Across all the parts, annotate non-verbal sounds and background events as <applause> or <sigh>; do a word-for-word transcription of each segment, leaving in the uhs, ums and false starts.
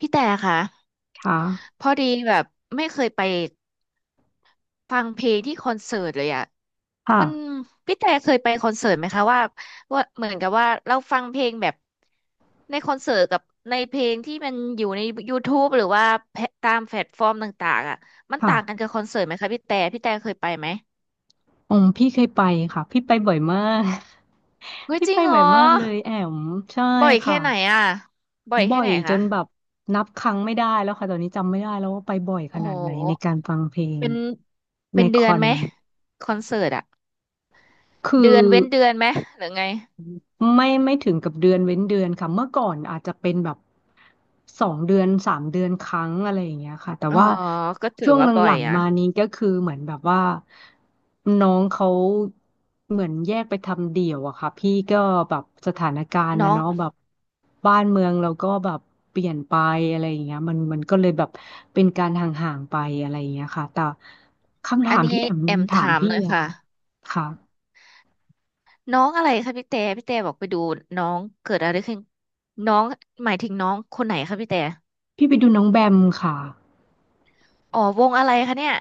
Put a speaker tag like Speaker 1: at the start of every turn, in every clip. Speaker 1: พี่แต่ค่ะ
Speaker 2: ค่ะ
Speaker 1: พอดีแบบไม่เคยไปฟังเพลงที่คอนเสิร์ตเลยอ่ะมัน
Speaker 2: ค่ะ
Speaker 1: พี่แต่เคยไปคอนเสิร์ตไหมคะว่าว่าเหมือนกับว่าเราฟังเพลงแบบในคอนเสิร์ตกับในเพลงที่มันอยู่ใน YouTube หรือว่าแพลตตามแพลตฟอร์มต่างๆอ่ะมัน
Speaker 2: ค่ะ
Speaker 1: ต่างกันกับคอนเสิร์ตไหมคะพี่แต่พี่แต่เคยไปไหม
Speaker 2: อืมพี่เคยไปค่ะพี่ไปบ่อยมาก
Speaker 1: เฮ้
Speaker 2: <laughs>
Speaker 1: ย
Speaker 2: พี่
Speaker 1: จริ
Speaker 2: ไป
Speaker 1: งเหร
Speaker 2: บ่อย
Speaker 1: อ
Speaker 2: มากเลยแอมใช่
Speaker 1: บ่อยแค่
Speaker 2: ค่ะ
Speaker 1: ไหนอ่ะบ่อย
Speaker 2: บ่
Speaker 1: แค่
Speaker 2: อ
Speaker 1: ไหน
Speaker 2: ยจ
Speaker 1: คะ
Speaker 2: นแบบนับครั้งไม่ได้แล้วค่ะ ตอนนี้จำไม่ได้แล้วว่าไปบ่อยข
Speaker 1: โอ้
Speaker 2: นา
Speaker 1: โห
Speaker 2: ดไหนในการฟังเพลง
Speaker 1: เป็น
Speaker 2: ใน
Speaker 1: เป็น
Speaker 2: ค
Speaker 1: เดือ
Speaker 2: อ
Speaker 1: น
Speaker 2: น
Speaker 1: ไหมคอนเสิร์ตอ่ะ
Speaker 2: คือ
Speaker 1: เดือนเว้นเดือนไหมหรือไง
Speaker 2: ไม่ไม่ถึงกับเดือนเว้นเดือนค่ะเมื่อก่อนอาจจะเป็นแบบสองเดือนสามเดือนครั้งอะไรอย่างเงี้ยค่ะแต่
Speaker 1: อ๋อ
Speaker 2: ว่า
Speaker 1: ก็ถื
Speaker 2: ช่
Speaker 1: อ
Speaker 2: วง
Speaker 1: ว่า
Speaker 2: ห
Speaker 1: บ่อ
Speaker 2: ลั
Speaker 1: ย
Speaker 2: ง
Speaker 1: นะ
Speaker 2: ๆมานี้ก็คือเหมือนแบบว่าน้องเขาเหมือนแยกไปทำเดี่ยวอะค่ะพี่ก็แบบสถานการณ์
Speaker 1: น้อ
Speaker 2: นะ
Speaker 1: ง
Speaker 2: เนาะแบบบ้านเมืองเราก็แบบเปลี่ยนไปอะไรอย่างเงี้ยมันมันก็เลยแบบเป็นการห่างๆไปอะไรอย่างเงี้ยค่ะแต่คำ
Speaker 1: อั
Speaker 2: ถา
Speaker 1: น
Speaker 2: ม
Speaker 1: นี้
Speaker 2: ที่แอม
Speaker 1: แอม
Speaker 2: ถา
Speaker 1: ถา
Speaker 2: ม
Speaker 1: ม
Speaker 2: พี่
Speaker 1: หน่อย
Speaker 2: อะค่ะ
Speaker 1: ค่ะ
Speaker 2: ค่ะ
Speaker 1: น้องอะไรคะพี่แต่พี่แต่บอกไปดูน้องเกิดอะไรขึ้นน้องหมายถึงน้องคนไหนคะพี่แต่
Speaker 2: พี่ไปดูน้องแบมค่ะ
Speaker 1: อ๋อวงอะไรคะเนี่ย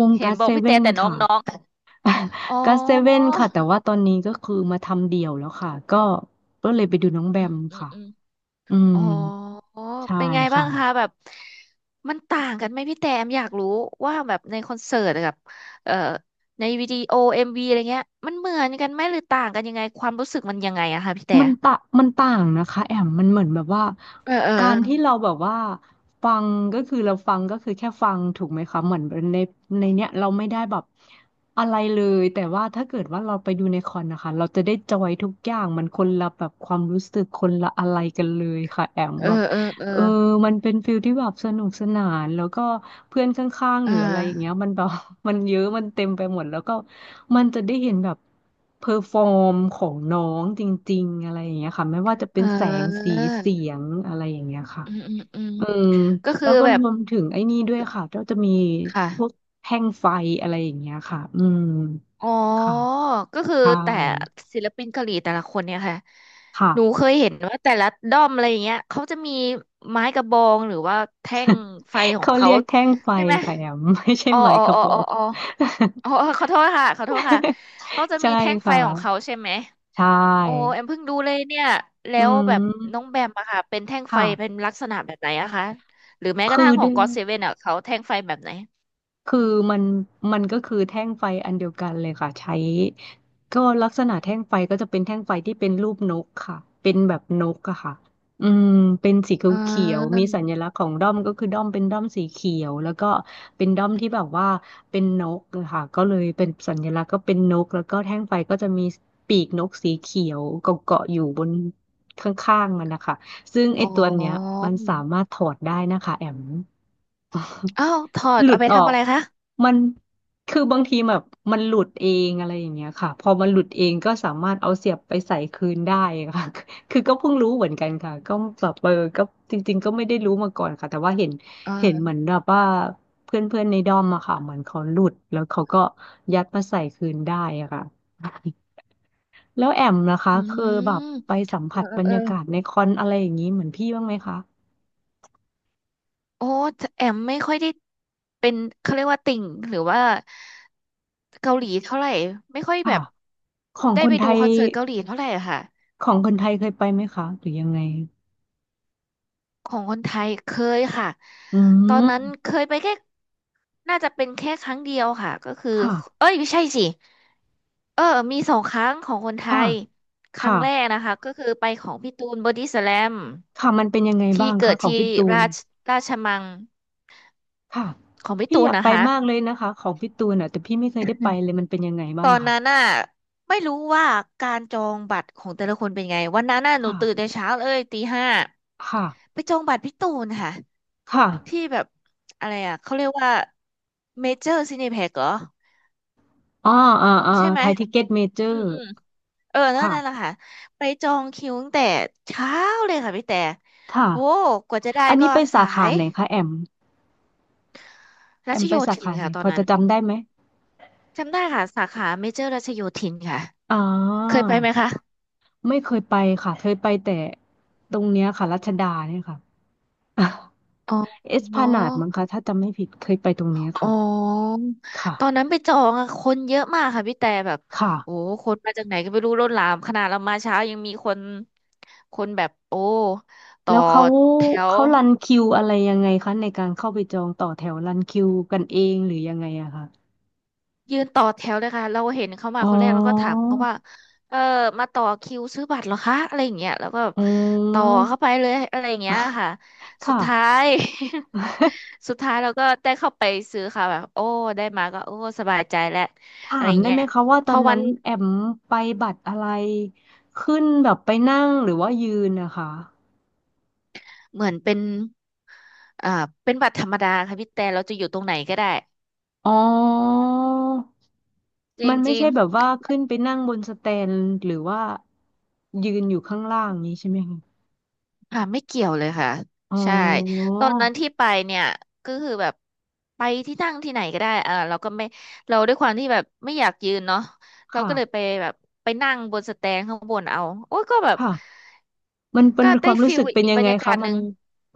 Speaker 2: วง
Speaker 1: เห็น
Speaker 2: การ
Speaker 1: บ
Speaker 2: เซ
Speaker 1: อกพี่แต่
Speaker 2: เว่น
Speaker 1: แต่น้อง
Speaker 2: ค่ะ
Speaker 1: น้องอ๋อ
Speaker 2: ก็เซเว่นค่ะแต่ว่าตอนนี้ก็คือมาทำเดี่ยวแล้วค่ะก็ก็เลยไปดูน้องแบม
Speaker 1: อืม
Speaker 2: ค่ะ
Speaker 1: อืม
Speaker 2: อืม
Speaker 1: อ๋อ
Speaker 2: ใช่
Speaker 1: เป็นไงบ้า
Speaker 2: ค่ะ
Speaker 1: งคะแบบมันต่างกันไหมพี่แต่มอยากรู้ว่าแบบในคอนเสิร์ตกับเอ่อในวิดีโอเอ็มวีอะไรเงี้ยมันเหมือนกันไหมหรือต่างกันยังไงความรู้สึกมันยังไงอะคะพี่แต่
Speaker 2: มันตะมันต่างนะคะแอมมันเหมือนแบบว่า
Speaker 1: เออเออ
Speaker 2: การที่เราแบบว่าฟังก็คือเราฟังก็คือแค่ฟังถูกไหมคะเหมือนในในเนี้ยเราไม่ได้แบบอะไรเลยแต่ว่าถ้าเกิดว่าเราไปดูในคอนนะคะเราจะได้จอยทุกอย่างมันคนละแบบความรู้สึกคนละอะไรกันเลยค่ะแอม
Speaker 1: เออ
Speaker 2: แบบ
Speaker 1: เออเออ
Speaker 2: เออมันเป็นฟิลที่แบบสนุกสนานแล้วก็เพื่อนข้างๆห
Speaker 1: อ่า
Speaker 2: รืออะไรอย่างเงี้ยมันแบบ <laughs> มันเยอะมันเต็มไปหมดแล้วก็มันจะได้เห็นแบบเพอร์ฟอร์มของน้องจริงๆอะไรอย่างเงี้ยค่ะไม่ว่าจะเป็
Speaker 1: เอ
Speaker 2: นแสงสี
Speaker 1: อ
Speaker 2: เสียงอะไรอย่างเงี้ยค่ะ
Speaker 1: อืมอืมอืม
Speaker 2: อืม
Speaker 1: ก็คื
Speaker 2: แล้
Speaker 1: อ
Speaker 2: วก็
Speaker 1: แบ
Speaker 2: ร
Speaker 1: บ
Speaker 2: วมถึงไอ้นี่ด้วยค่ะก็จะมีพวก
Speaker 1: ค่ะ
Speaker 2: แท่งไฟอะไรอย่างเงี้ยค่ะอืม
Speaker 1: อ๋อ
Speaker 2: ค่ะ
Speaker 1: ก็คือ
Speaker 2: ใช่
Speaker 1: แต่ศิลปินเกาหลีแต่ละคนเนี่ยค่ะ
Speaker 2: ค่ะ
Speaker 1: หนูเคยเห็นว่าแต่ละด้อมอะไรอย่างเงี้ยเขาจะมีไม้กระบองหรือว่าแท่งไฟของ
Speaker 2: เขา
Speaker 1: เขา
Speaker 2: เรียกแท่งไฟ
Speaker 1: ใช่ไหม
Speaker 2: ค่ะแอม <laughs> ไม่ใช่
Speaker 1: อ๋อ
Speaker 2: ไม้
Speaker 1: อ๋อ
Speaker 2: กระ
Speaker 1: อ๋อ
Speaker 2: บอ
Speaker 1: อ๋อ
Speaker 2: ก
Speaker 1: อ๋ออ๋อขอโทษค่ะขอโทษค่ะ
Speaker 2: <laughs>
Speaker 1: เขาจะ
Speaker 2: ใช่
Speaker 1: มีแท่งไฟ
Speaker 2: ค่ะ
Speaker 1: ของเขาใช่ไหม
Speaker 2: ใช
Speaker 1: โอ้
Speaker 2: ่
Speaker 1: แอมเพิ่งดูเลยเนี่ยแล้
Speaker 2: อื
Speaker 1: วแบบน้อง
Speaker 2: ม
Speaker 1: แบมอะค่ะเป็นแท่งไฟ
Speaker 2: ค่ะ
Speaker 1: เป็นลักษณะแบบไหนอะคะหรือแม้กระ
Speaker 2: คื
Speaker 1: ทั่
Speaker 2: อ
Speaker 1: งขอ
Speaker 2: ด้
Speaker 1: ง
Speaker 2: วย
Speaker 1: ก็อดเซเว่นอะเขาแท่งไฟแบบไหน
Speaker 2: คือมันมันก็คือแท่งไฟอันเดียวกันเลยค่ะใช้ก็ลักษณะแท่งไฟก็จะเป็นแท่งไฟที่เป็นรูปนกค่ะเป็นแบบนกอะค่ะอืมเป็นสี
Speaker 1: อ่
Speaker 2: เขียวๆ
Speaker 1: า
Speaker 2: มีสัญลักษณ์ของด้อมก็คือด้อมเป็นด้อมสีเขียวแล้วก็เป็นด้อมที่แบบว่าเป็นนกอะค่ะก็เลยเป็นสัญลักษณ์ก็เป็นนกแล้วก็แท่งไฟก็จะมีปีกนกสีเขียวเกาะๆอยู่บนข้างๆมันนะคะซึ่งไอ้
Speaker 1: อ๋อ
Speaker 2: ตัวเนี้ยมันสามารถถอดได้นะคะแอม <laughs> อ๋อ
Speaker 1: อ้าวถอด
Speaker 2: หลุ
Speaker 1: เอา
Speaker 2: ด
Speaker 1: ไป
Speaker 2: ออ
Speaker 1: ทำ
Speaker 2: ก
Speaker 1: อะไรคะ
Speaker 2: มันคือบางทีแบบมันหลุดเองอะไรอย่างเงี้ยค่ะพอมันหลุดเองก็สามารถเอาเสียบไปใส่คืนได้ค่ะ <laughs> คือก็เพิ่งรู้เหมือนกันค่ะก็แบบเออก็จริงๆก็ไม่ได้รู้มาก่อนค่ะแต่ว่าเห็นเห็นเห
Speaker 1: อ่า
Speaker 2: มือนแบบว่าเพื่อนๆในดอมอะค่ะเหมือนเขาหลุดแล้วเขาก็ยัดมาใส่คืนได้อะค่ะ <laughs> แล้วแอมนะคะ
Speaker 1: อื
Speaker 2: เคือแบบ
Speaker 1: ม
Speaker 2: ไปสัม
Speaker 1: เออ
Speaker 2: ผัส
Speaker 1: เออ
Speaker 2: บร
Speaker 1: เอ
Speaker 2: ร
Speaker 1: อ
Speaker 2: ยากาศในคอนอะไรอย่างนี้เหมือนพี่บ้างไหมคะ
Speaker 1: โอ้แอมไม่ค่อยได้เป็นเขาเรียกว่าติ่งหรือว่าเกาหลีเท่าไหร่ไม่ค่อยแบ
Speaker 2: ค่ะ
Speaker 1: บ
Speaker 2: ของ
Speaker 1: ได้
Speaker 2: ค
Speaker 1: ไป
Speaker 2: นไท
Speaker 1: ดู
Speaker 2: ย
Speaker 1: คอนเสิร์ตเกาหลีเท่าไหร่อะค่ะ
Speaker 2: ของคนไทยเคยไปไหมคะหรือยังไง
Speaker 1: ของคนไทยเคยค่ะ
Speaker 2: อื
Speaker 1: ตอน
Speaker 2: ม
Speaker 1: นั้นเคยไปแค่ น่าจะเป็นแค่ครั้งเดียวค่ะ ก็คือ
Speaker 2: ค่ะ
Speaker 1: เอ้ยไม่ใช่สิ เออมีสองครั้งของคนไท
Speaker 2: ค่ะ
Speaker 1: ย ครั้
Speaker 2: ค่ะ
Speaker 1: งแรกนะคะ ก็คือไปของพี่ตูนบอดี้สแลม
Speaker 2: ค่ะมันเป็นยังไงบ้า
Speaker 1: ที่
Speaker 2: ง
Speaker 1: เกิ
Speaker 2: คะ
Speaker 1: ด
Speaker 2: ของ
Speaker 1: ที่
Speaker 2: พี่ตูน
Speaker 1: ราชราชมัง
Speaker 2: ค่ะ
Speaker 1: ของพี่
Speaker 2: พี่
Speaker 1: ตู
Speaker 2: อ
Speaker 1: น
Speaker 2: ยาก
Speaker 1: นะ
Speaker 2: ไป
Speaker 1: คะ
Speaker 2: มากเลยนะคะของพี่ตูนอ่ะแต่พี่ไม่เคยได้ไปเลยมันเป็นยังไงบ้า
Speaker 1: ต
Speaker 2: ง
Speaker 1: อ
Speaker 2: อะ
Speaker 1: น
Speaker 2: คะ
Speaker 1: นั้นน่ะไม่รู้ว่าการจองบัตรของแต่ละคนเป็นไง วันนั้นน่ะหนู
Speaker 2: ค่ะ
Speaker 1: ตื่นแต่เช้าเลยตีห้า
Speaker 2: ค่ะ
Speaker 1: ไปจองบัตรพี่ตูนค่ะ
Speaker 2: ค่ะ
Speaker 1: ที่แบบอะไรอ่ะเขาเรียกว่าเมเจอร์ซีนีแพ็เหรอ
Speaker 2: อ่าอ่าอ่า
Speaker 1: ใช่ไหม
Speaker 2: ไทยทิเก็ตเมเจอ
Speaker 1: อืม
Speaker 2: ร์
Speaker 1: อืมเออนั่นนั่นแหละ
Speaker 2: ค่ะ
Speaker 1: ค่ะไปจองคิวตั้งแต่เช้าเลยค่ะพี่แต่โห
Speaker 2: ค่ะ
Speaker 1: กว่าจะได้
Speaker 2: อัน
Speaker 1: ก็
Speaker 2: นี้ไปสา
Speaker 1: สา
Speaker 2: ขา
Speaker 1: ย
Speaker 2: ไหนคะแอมแอ
Speaker 1: รั
Speaker 2: ม
Speaker 1: ช
Speaker 2: ไป
Speaker 1: โย
Speaker 2: สา
Speaker 1: ธิน
Speaker 2: ขาไหน
Speaker 1: ค่ะต
Speaker 2: พ
Speaker 1: อน
Speaker 2: อ
Speaker 1: นั้
Speaker 2: จะ
Speaker 1: น
Speaker 2: จำได้ไหม
Speaker 1: จำได้ค่ะสาขาเมเจอร์รัชโยธินค่ะ
Speaker 2: อ่า
Speaker 1: เคยไปไหมคะ
Speaker 2: ไม่เคยไปค่ะเคยไปแต่ตรงเนี้ยค่ะรัชดาเนี่ยค่ะ
Speaker 1: อ๋
Speaker 2: <laughs> เอสพลานาดมั้ง
Speaker 1: อ
Speaker 2: คะถ้าจำไม่ผิดเคยไปตรงเนี้ย
Speaker 1: อ๋อ
Speaker 2: ค่ะ
Speaker 1: ตอน
Speaker 2: ค่ะ
Speaker 1: นั้นไปจองอะคนเยอะมากค่ะพี่แต่แบบ
Speaker 2: ค่ะ
Speaker 1: โอ้ คนมาจากไหนก็ไม่รู้ล้นหลามขนาดเรามาเช้ายังมีคนคนแบบโอ้ต่อ
Speaker 2: แล้วเขา
Speaker 1: แถว
Speaker 2: เขารันคิวอะไรยังไงคะในการเข้าไปจองต่อแถวรันคิวกันเองหรือยังไงอะคะ
Speaker 1: ยืนต่อแถวเลยค่ะเราเห็นเขามา
Speaker 2: อ๋อ
Speaker 1: คนแรกแล้วก็ถามเขาว่าเออมาต่อคิวซื้อบัตรเหรอคะอะไรอย่างเงี้ยแล้วก็แบบ
Speaker 2: อื
Speaker 1: ต่อเข้าไป
Speaker 2: ม
Speaker 1: เลยอะไรอย่างเงี้ยค่ะสุดท้า
Speaker 2: ค่ะ
Speaker 1: ย <laughs> สุดท้ายเราก็ได้เข้าไปซื้อค่ะแบบโอ้ได้มาก็โอ้สบายใจแล้วอะ
Speaker 2: ถา
Speaker 1: ไร
Speaker 2: ม
Speaker 1: อย่าง
Speaker 2: ได้
Speaker 1: เงี้
Speaker 2: ไห
Speaker 1: ย
Speaker 2: มคะว่า
Speaker 1: พ
Speaker 2: ตอ
Speaker 1: อ
Speaker 2: น
Speaker 1: วั
Speaker 2: นั้
Speaker 1: น
Speaker 2: นแอมไปบัตรอะไรขึ้นแบบไปนั่งหรือว่ายืนนะคะ
Speaker 1: เหมือนเป็น อ่าเป็นบัตรธรรมดาค่ะพี่แต่เราจะอยู่ตรงไหนก็ได้
Speaker 2: อ๋อ
Speaker 1: จ
Speaker 2: มันไม่
Speaker 1: ริง
Speaker 2: ใช่แบบว่าขึ้นไปนั่งบนสแตนหรือว่ายืนอยู่ข้างล่างนี้ใช่ไหมคะ
Speaker 1: ๆค่ะไม่เกี่ยวเลยค่ะ
Speaker 2: อ๋
Speaker 1: ใช่
Speaker 2: อ
Speaker 1: ตอนนั้นที่ไปเนี่ยก็คือแบบไปที่นั่งที่ไหนก็ได้อ่าเราก็ไม่เราด้วยความที่แบบไม่อยากยืนเนาะเรา
Speaker 2: ค่ะ
Speaker 1: ก็เลยไปแบบไปนั่งบนสแตนข้างบนเอาโอ้ยก็แบบ
Speaker 2: ค่ะมันมัน
Speaker 1: ก็
Speaker 2: เป็นค
Speaker 1: ได้
Speaker 2: วามรู้
Speaker 1: ฟิ
Speaker 2: สึ
Speaker 1: ล
Speaker 2: กเป็น
Speaker 1: อีก
Speaker 2: ยั
Speaker 1: บ
Speaker 2: ง
Speaker 1: ร
Speaker 2: ไง
Speaker 1: รยา
Speaker 2: คะ
Speaker 1: กาศห
Speaker 2: มัน
Speaker 1: นึ่ง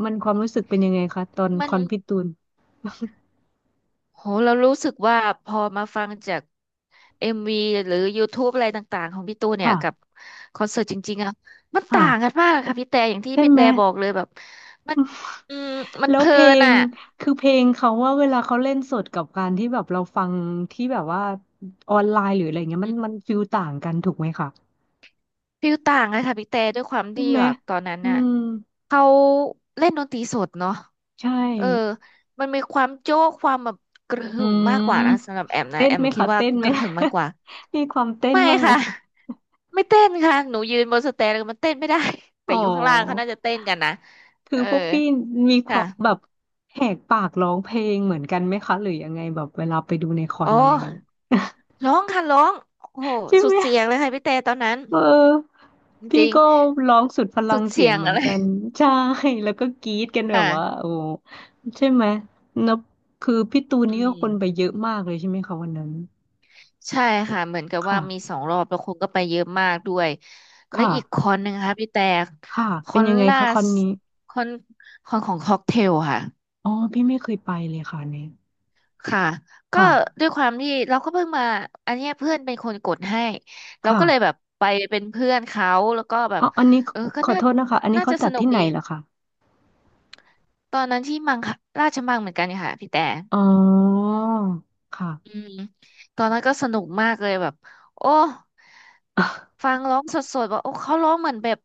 Speaker 2: มันความรู้สึกเป็นยังไงคะตอนค
Speaker 1: มัน
Speaker 2: อนพี่ตูน
Speaker 1: โหเรารู้สึกว่าพอมาฟังจากเอ็มวีหรือ YouTube อะไรต่างๆของพี่ตูนเนี่ยกับ
Speaker 2: ค่ะ
Speaker 1: คอนเสิร์ตจริงๆอะมันต่างกั
Speaker 2: ค่ะ
Speaker 1: นมากค่ะพี่แต่อย่างที่
Speaker 2: ใช่
Speaker 1: พี่
Speaker 2: ไหม
Speaker 1: แต่บอกเลยแบบมันอืมมั
Speaker 2: <laughs>
Speaker 1: น
Speaker 2: แล้
Speaker 1: เพ
Speaker 2: ว
Speaker 1: ลิ
Speaker 2: เพล
Speaker 1: น
Speaker 2: ง
Speaker 1: อ่ะ
Speaker 2: คือเพลงเขาว่าเวลาเขาเล่นสดกับการที่แบบเราฟังที่แบบว่าออนไลน์หรืออะไรเงี้ย
Speaker 1: อื
Speaker 2: มัน
Speaker 1: ม
Speaker 2: มันฟิลต่างกันถูกไหมคะ
Speaker 1: ฟิลต่างเลยค่ะพี่แต่ด้วยความ
Speaker 2: ใช่
Speaker 1: ที่
Speaker 2: ไหม
Speaker 1: แบบตอนนั้น
Speaker 2: อื
Speaker 1: น่ะ
Speaker 2: ม
Speaker 1: เขาเล่นดนตรีสดเนาะ
Speaker 2: ใช่
Speaker 1: เออมันมีความโจ๊กความแบบกระ
Speaker 2: อื
Speaker 1: หึ่มมากกว่านะ
Speaker 2: ม
Speaker 1: สำหรับแอมนะ
Speaker 2: เต้น
Speaker 1: แอม
Speaker 2: ไหม
Speaker 1: คิด
Speaker 2: คะ
Speaker 1: ว่า
Speaker 2: เต้นไห
Speaker 1: ก
Speaker 2: ม
Speaker 1: ระหึ่มมากก
Speaker 2: <laughs>
Speaker 1: ว่า
Speaker 2: มีความเต้น
Speaker 1: ไม่
Speaker 2: บ้างไหม
Speaker 1: ค่ะ <laughs> ไม่เต้นค่ะหนูยืนบนสเตนแล้วมันเต้นไม่ได้ <laughs> แต่
Speaker 2: อ๋อ
Speaker 1: อยู่ข้างล่างเขาน่าจะเต้นกันนะ
Speaker 2: คือ
Speaker 1: เออ
Speaker 2: พวกพี่มีความแบ
Speaker 1: ค่ะ
Speaker 2: บแหกปากร้องเพลงเหมือนกันไหมคะหรือยังไงแบบเวลาไปดูในคอ
Speaker 1: อ๋
Speaker 2: น
Speaker 1: อ
Speaker 2: อะไรเงี้ย
Speaker 1: ร้องค่ะร้องโอ้โห
Speaker 2: ใช่
Speaker 1: สุ
Speaker 2: ไห
Speaker 1: ด
Speaker 2: ม
Speaker 1: เสียงเลยค่ะพี่แต่ตอนนั้น
Speaker 2: เออ
Speaker 1: จ
Speaker 2: พี่
Speaker 1: ริง
Speaker 2: ก็ร้องสุดพ
Speaker 1: ๆ
Speaker 2: ลั
Speaker 1: สุ
Speaker 2: ง
Speaker 1: ด
Speaker 2: เสี
Speaker 1: เสี
Speaker 2: ยง
Speaker 1: ยง
Speaker 2: เหมือ
Speaker 1: อะ
Speaker 2: น
Speaker 1: ไร <laughs>
Speaker 2: กันใช่แล้วก็กรี๊ดกันแบบว่า
Speaker 1: ค่ะ
Speaker 2: โอ้ใช่ไหมนับคือพี่ตูน
Speaker 1: อื
Speaker 2: นี่ก็คนไป
Speaker 1: ม
Speaker 2: เยอะมากเลยใช่ไหมคะวันนั้น
Speaker 1: ใช่ค่ะเหมือนกับว่า
Speaker 2: ค่ะ
Speaker 1: มีสองรอบแล้วคนก็ไปเยอะมากด้วยแล้วอีกค
Speaker 2: ค่ะ
Speaker 1: อนหนึ่งค่ะพี่แต่
Speaker 2: ค่ะ
Speaker 1: ค
Speaker 2: เป็
Speaker 1: อ
Speaker 2: น
Speaker 1: น
Speaker 2: ยังไง
Speaker 1: ล่า
Speaker 2: คะคอ
Speaker 1: ส
Speaker 2: นนี้
Speaker 1: คอนคอนของค็อกเทลค่ะ
Speaker 2: อ๋อพี่ไม่เคยไปเลยค่ะอันเนี่ย
Speaker 1: ค่ะก็
Speaker 2: ค่ะ
Speaker 1: ด้วยความที่เราก็เพิ่งมาอันเนี้ยเพื่อนเป็นคนกดให้เรา
Speaker 2: ค่ะ
Speaker 1: ก็เลยแบบไปเป็นเพื่อนเขาแล้วก็แบ
Speaker 2: อ๋
Speaker 1: บ
Speaker 2: ออันนี้
Speaker 1: เออก็
Speaker 2: ขอ
Speaker 1: น่า
Speaker 2: โทษนะคะอันนี้
Speaker 1: น่า
Speaker 2: เขา
Speaker 1: จะ
Speaker 2: จั
Speaker 1: ส
Speaker 2: ด
Speaker 1: นุก
Speaker 2: ที่ไหน
Speaker 1: ดี
Speaker 2: ล่ะคะ
Speaker 1: ตอนนั้นที่มังคราชมังเหมือนกันค่ะพี่แต่
Speaker 2: อ๋อค่ะ
Speaker 1: อืมตอนนั้นก็สนุกมากเลยแบบโอ้ฟั
Speaker 2: <laughs>
Speaker 1: งร้องสดๆว่าโอ้เขาร้องเหมือนแบบ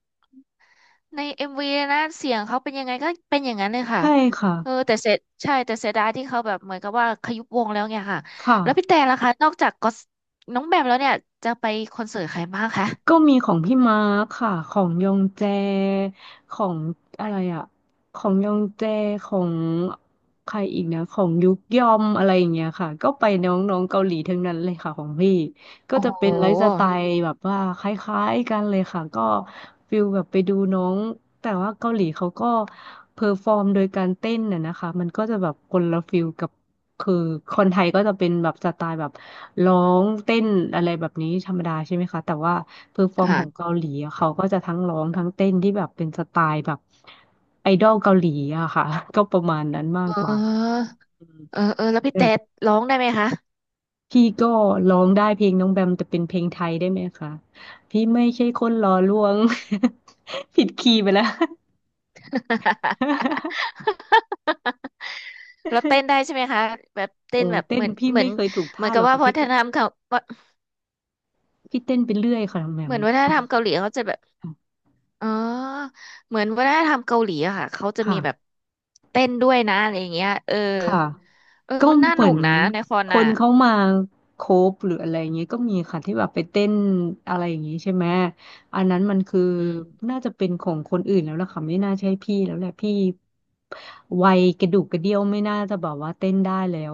Speaker 1: ในเอ็มวีนะเสียงเขาเป็นยังไงก็เป็นอย่างนั้นเลยค่ะ
Speaker 2: ใช่ค่ะ
Speaker 1: เออแต่เสรใช่แต่เสียดายที่เขาแบบเหมือนกับว่าขยุบวงแล้วเนี่ยค่ะ
Speaker 2: ค่ะ
Speaker 1: แล้วพี่แต่ล่ะคะนอกจากก็อตน้องแบมแล้วเนี่ยจะไปคอนเสิร์ตใครบ้างคะ
Speaker 2: ก็มีของพี่มาร์คค่ะของยองแจ ของอะไรอะของยองแจของใครอีกนะของยุกยอมอะไรอย่างเงี้ยค่ะก็ไปน้องๆเกาหลีทั้งนั้นเลยค่ะของพี่ ก็
Speaker 1: โอ้
Speaker 2: จะ
Speaker 1: โ
Speaker 2: เป็นไลฟ์สไต
Speaker 1: ห
Speaker 2: ล์แบบว่าคล้ายๆกันเลยค่ะก็ฟิลแบบไปดูน้องแต่ว่าเกาหลีเขาก็เพอร์ฟอร์มโดยการเต้นน่ะนะคะมันก็จะแบบคนละฟิลกับคือคนไทยก็จะเป็นแบบสไตล์แบบร้องเต้นอะไรแบบนี้ธรรมดาใช่ไหมคะแต่ว่าเพอร์ฟอร์มของ
Speaker 1: ค่ะ
Speaker 2: เกาหลีอะเขาก็จะทั้งร้องทั้งเต้นที่แบบเป็นสไตล์แบบไอดอลเกาหลีอะค่ะ <laughs> ก็ประมาณนั้นมา
Speaker 1: เ
Speaker 2: กกว่าค่ะ
Speaker 1: ออเออเออแล้วพี่
Speaker 2: อื
Speaker 1: แต่
Speaker 2: ม
Speaker 1: ร้องได้ไหมคะ
Speaker 2: พี่ก็ร้องได้เพลงน้องแบมแต่เป็นเพลงไทยได้ไหมคะพี่ไม่ใช่คนหล่อลวง <laughs> ผิดคีย์ไปแล้ว <laughs>
Speaker 1: <laughs> เราเต้นได้ใช่ไหมคะแบบเต้น
Speaker 2: โอ้
Speaker 1: แบ
Speaker 2: ย
Speaker 1: บ
Speaker 2: เต้
Speaker 1: เห
Speaker 2: น
Speaker 1: มือน
Speaker 2: พี่
Speaker 1: เหมือ
Speaker 2: ไม่
Speaker 1: น
Speaker 2: เคยถูก
Speaker 1: เหมือ
Speaker 2: ท่า
Speaker 1: น
Speaker 2: ห
Speaker 1: กั
Speaker 2: ร
Speaker 1: บ
Speaker 2: อก
Speaker 1: ว่า
Speaker 2: ค่ะ
Speaker 1: วั
Speaker 2: พี่
Speaker 1: ฒ
Speaker 2: ก็
Speaker 1: นธรรมเขา
Speaker 2: พี่เต้นไปเรื่อยค่ะน้องแบ
Speaker 1: เห
Speaker 2: ม
Speaker 1: มือนวัฒนธรรมเกาหลีเขาจะแบบอ๋อเหมือนวัฒนธรรมเกาหลีอะค่ะเขาจะมีแบบ
Speaker 2: ค่ะ
Speaker 1: เต้นด้วยนะอะไรอย่างเงี้ยเออ
Speaker 2: ค่ะ
Speaker 1: เออ
Speaker 2: ก็
Speaker 1: มันน่า
Speaker 2: เห
Speaker 1: ห
Speaker 2: มื
Speaker 1: นุ
Speaker 2: อ
Speaker 1: ก
Speaker 2: น
Speaker 1: นะในคอน
Speaker 2: ค
Speaker 1: อ่ะ
Speaker 2: นเขามาโคฟหรืออะไรอย่างเงี้ยก็มีค่ะที่แบบไปเต้นอะไรอย่างงี้ใช่ไหมอันนั้นมันคือ
Speaker 1: อืม
Speaker 2: น่าจะเป็นของคนอื่นแล้วล่ะค่ะไม่น่าใช่พี่แล้วแหละพี่วัยกระดูกกระเดี้ยวไม่น่าจะแบบว่าเต้นได้แล้ว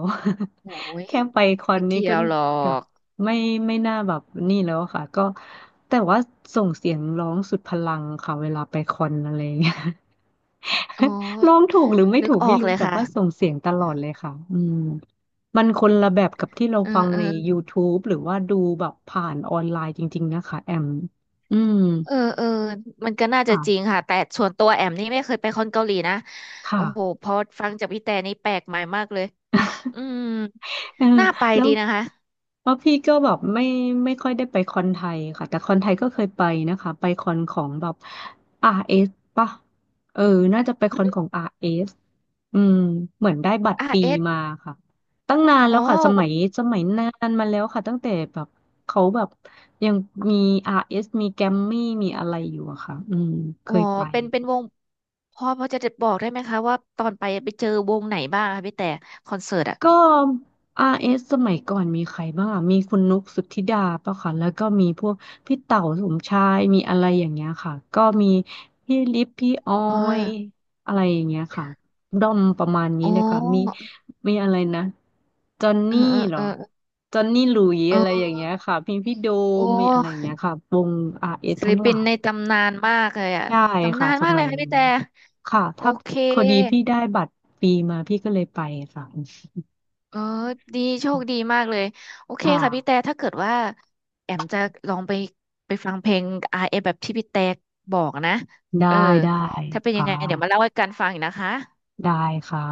Speaker 1: โอ้
Speaker 2: <laughs>
Speaker 1: ย
Speaker 2: แค่ไปคอน
Speaker 1: ไม่
Speaker 2: นี้
Speaker 1: เกี่
Speaker 2: ก็
Speaker 1: ยวหรอ
Speaker 2: แบบ
Speaker 1: ก
Speaker 2: ไม่ไม่น่าแบบนี่แล้วอะค่ะก็แต่ว่าส่งเสียงร้องสุดพลังค่ะเวลาไปคอนอะไรอย่างเงี้ย
Speaker 1: อ๋อ
Speaker 2: <laughs> ร้องถูกหรือไม่
Speaker 1: นึ
Speaker 2: ถู
Speaker 1: ก
Speaker 2: ก
Speaker 1: ออ
Speaker 2: ไม่
Speaker 1: ก
Speaker 2: รู้
Speaker 1: เลย
Speaker 2: แต่
Speaker 1: ค่ะ
Speaker 2: ว่าส่งเสียงตลอดเลยค่ะอืมมันคนละแบบกับที่เรา
Speaker 1: เออ
Speaker 2: ฟัง
Speaker 1: เออ
Speaker 2: ใน YouTube หรือว่าดูแบบผ่านออนไลน์จริงๆนะคะแอมอืม
Speaker 1: เออเออมันก็น่าจะจริง
Speaker 2: ค่ะ
Speaker 1: ค่ะแต่ส่วนตัวแอมนี่ไม่เคยไปคอนเกาหลีนะ
Speaker 2: ค่ะ
Speaker 1: โอ้โหพอฟังจากพี่แต่นี่แปลกใหม่มากเลย อืม
Speaker 2: เออ
Speaker 1: น่าไป
Speaker 2: แล้ว
Speaker 1: ดีนะคะ
Speaker 2: เพราะพี่ก็แบบไม่ไม่ค่อยได้ไปคอนไทยค่ะแต่คอนไทยก็เคยไปนะคะไปคอนของแบบ อาร์ เอส ป่ะเออน่าจะไปคอนของ อาร์ เอส อสอืมเหมือนได้บัตร
Speaker 1: อา
Speaker 2: ฟรี
Speaker 1: ร์เอส
Speaker 2: มาค่ะตั้งนาน
Speaker 1: อ๋
Speaker 2: แล้
Speaker 1: อ
Speaker 2: วค่ะสมัยสมัยนานมาแล้วค่ะตั้งแต่แบบเขาแบบยังมี อาร์ เอส มีแกรมมี่มีอะไรอยู่อะค่ะอืมเค
Speaker 1: อ๋อ
Speaker 2: ยไป
Speaker 1: เป็นเป็นวงพอพอจะบอกได้ไหมคะว่าตอนไปไปเจอวงไหนบ้างคะพี่แต่คอนเสิร์ตอ่ะ
Speaker 2: ก็อาร์เอสสมัยก่อนมีใครบ้างอะมีคุณนุกสุทธิดาป่ะค่ะแล้วก็มีพวกพี่เต๋าสมชายมีอะไรอย่างเงี้ยค่ะก็มีพี่ลิฟพี่ออ
Speaker 1: อ๋อ
Speaker 2: ยอะไรอย่างเงี้ยค่ะด้อมประมาณ
Speaker 1: โอ
Speaker 2: นี้เลยค่ะมี
Speaker 1: ้
Speaker 2: มีอะไรนะจอน
Speaker 1: เออ
Speaker 2: นี่
Speaker 1: เออ
Speaker 2: เหรอ
Speaker 1: เออ
Speaker 2: จอนนี่หลุย
Speaker 1: เอ
Speaker 2: อะไรอย่าง
Speaker 1: อ
Speaker 2: เงี้ยค่ะมีพี่โด
Speaker 1: โอ
Speaker 2: มมีอะไรอย่าง
Speaker 1: ้
Speaker 2: เงี้ยค่ะวงอาร์เอส
Speaker 1: ศิล
Speaker 2: ทั้งห
Speaker 1: ปิ
Speaker 2: ลา
Speaker 1: น
Speaker 2: ย
Speaker 1: ในตำนานมากเลยอ่ะ
Speaker 2: ใช่
Speaker 1: ตำ
Speaker 2: ค่ะ
Speaker 1: นาน
Speaker 2: ส
Speaker 1: มากเล
Speaker 2: มั
Speaker 1: ย
Speaker 2: ย
Speaker 1: ค่ะ
Speaker 2: นั้
Speaker 1: พี่
Speaker 2: น
Speaker 1: แต่
Speaker 2: ค่ะ
Speaker 1: โอ
Speaker 2: ถ้า
Speaker 1: เค
Speaker 2: พอดีพี่ได้บัตรฟรีมาพี่ก็เลยไปค่ะ
Speaker 1: เออดีโชคดีมากเลยโอเค
Speaker 2: ค่ะ
Speaker 1: ค่ะพี่แต่ถ้าเกิดว่าแอมจะลองไปไปฟังเพลงอาร์เอแบบที่พี่แต่บอกนะ
Speaker 2: ได้
Speaker 1: เออ
Speaker 2: ได้
Speaker 1: ถ้าเป็นยัง
Speaker 2: ค่ะ
Speaker 1: ไงเดี๋ยวมาเล่าให้กันฟังอีกนะคะ
Speaker 2: ได้ค่ะ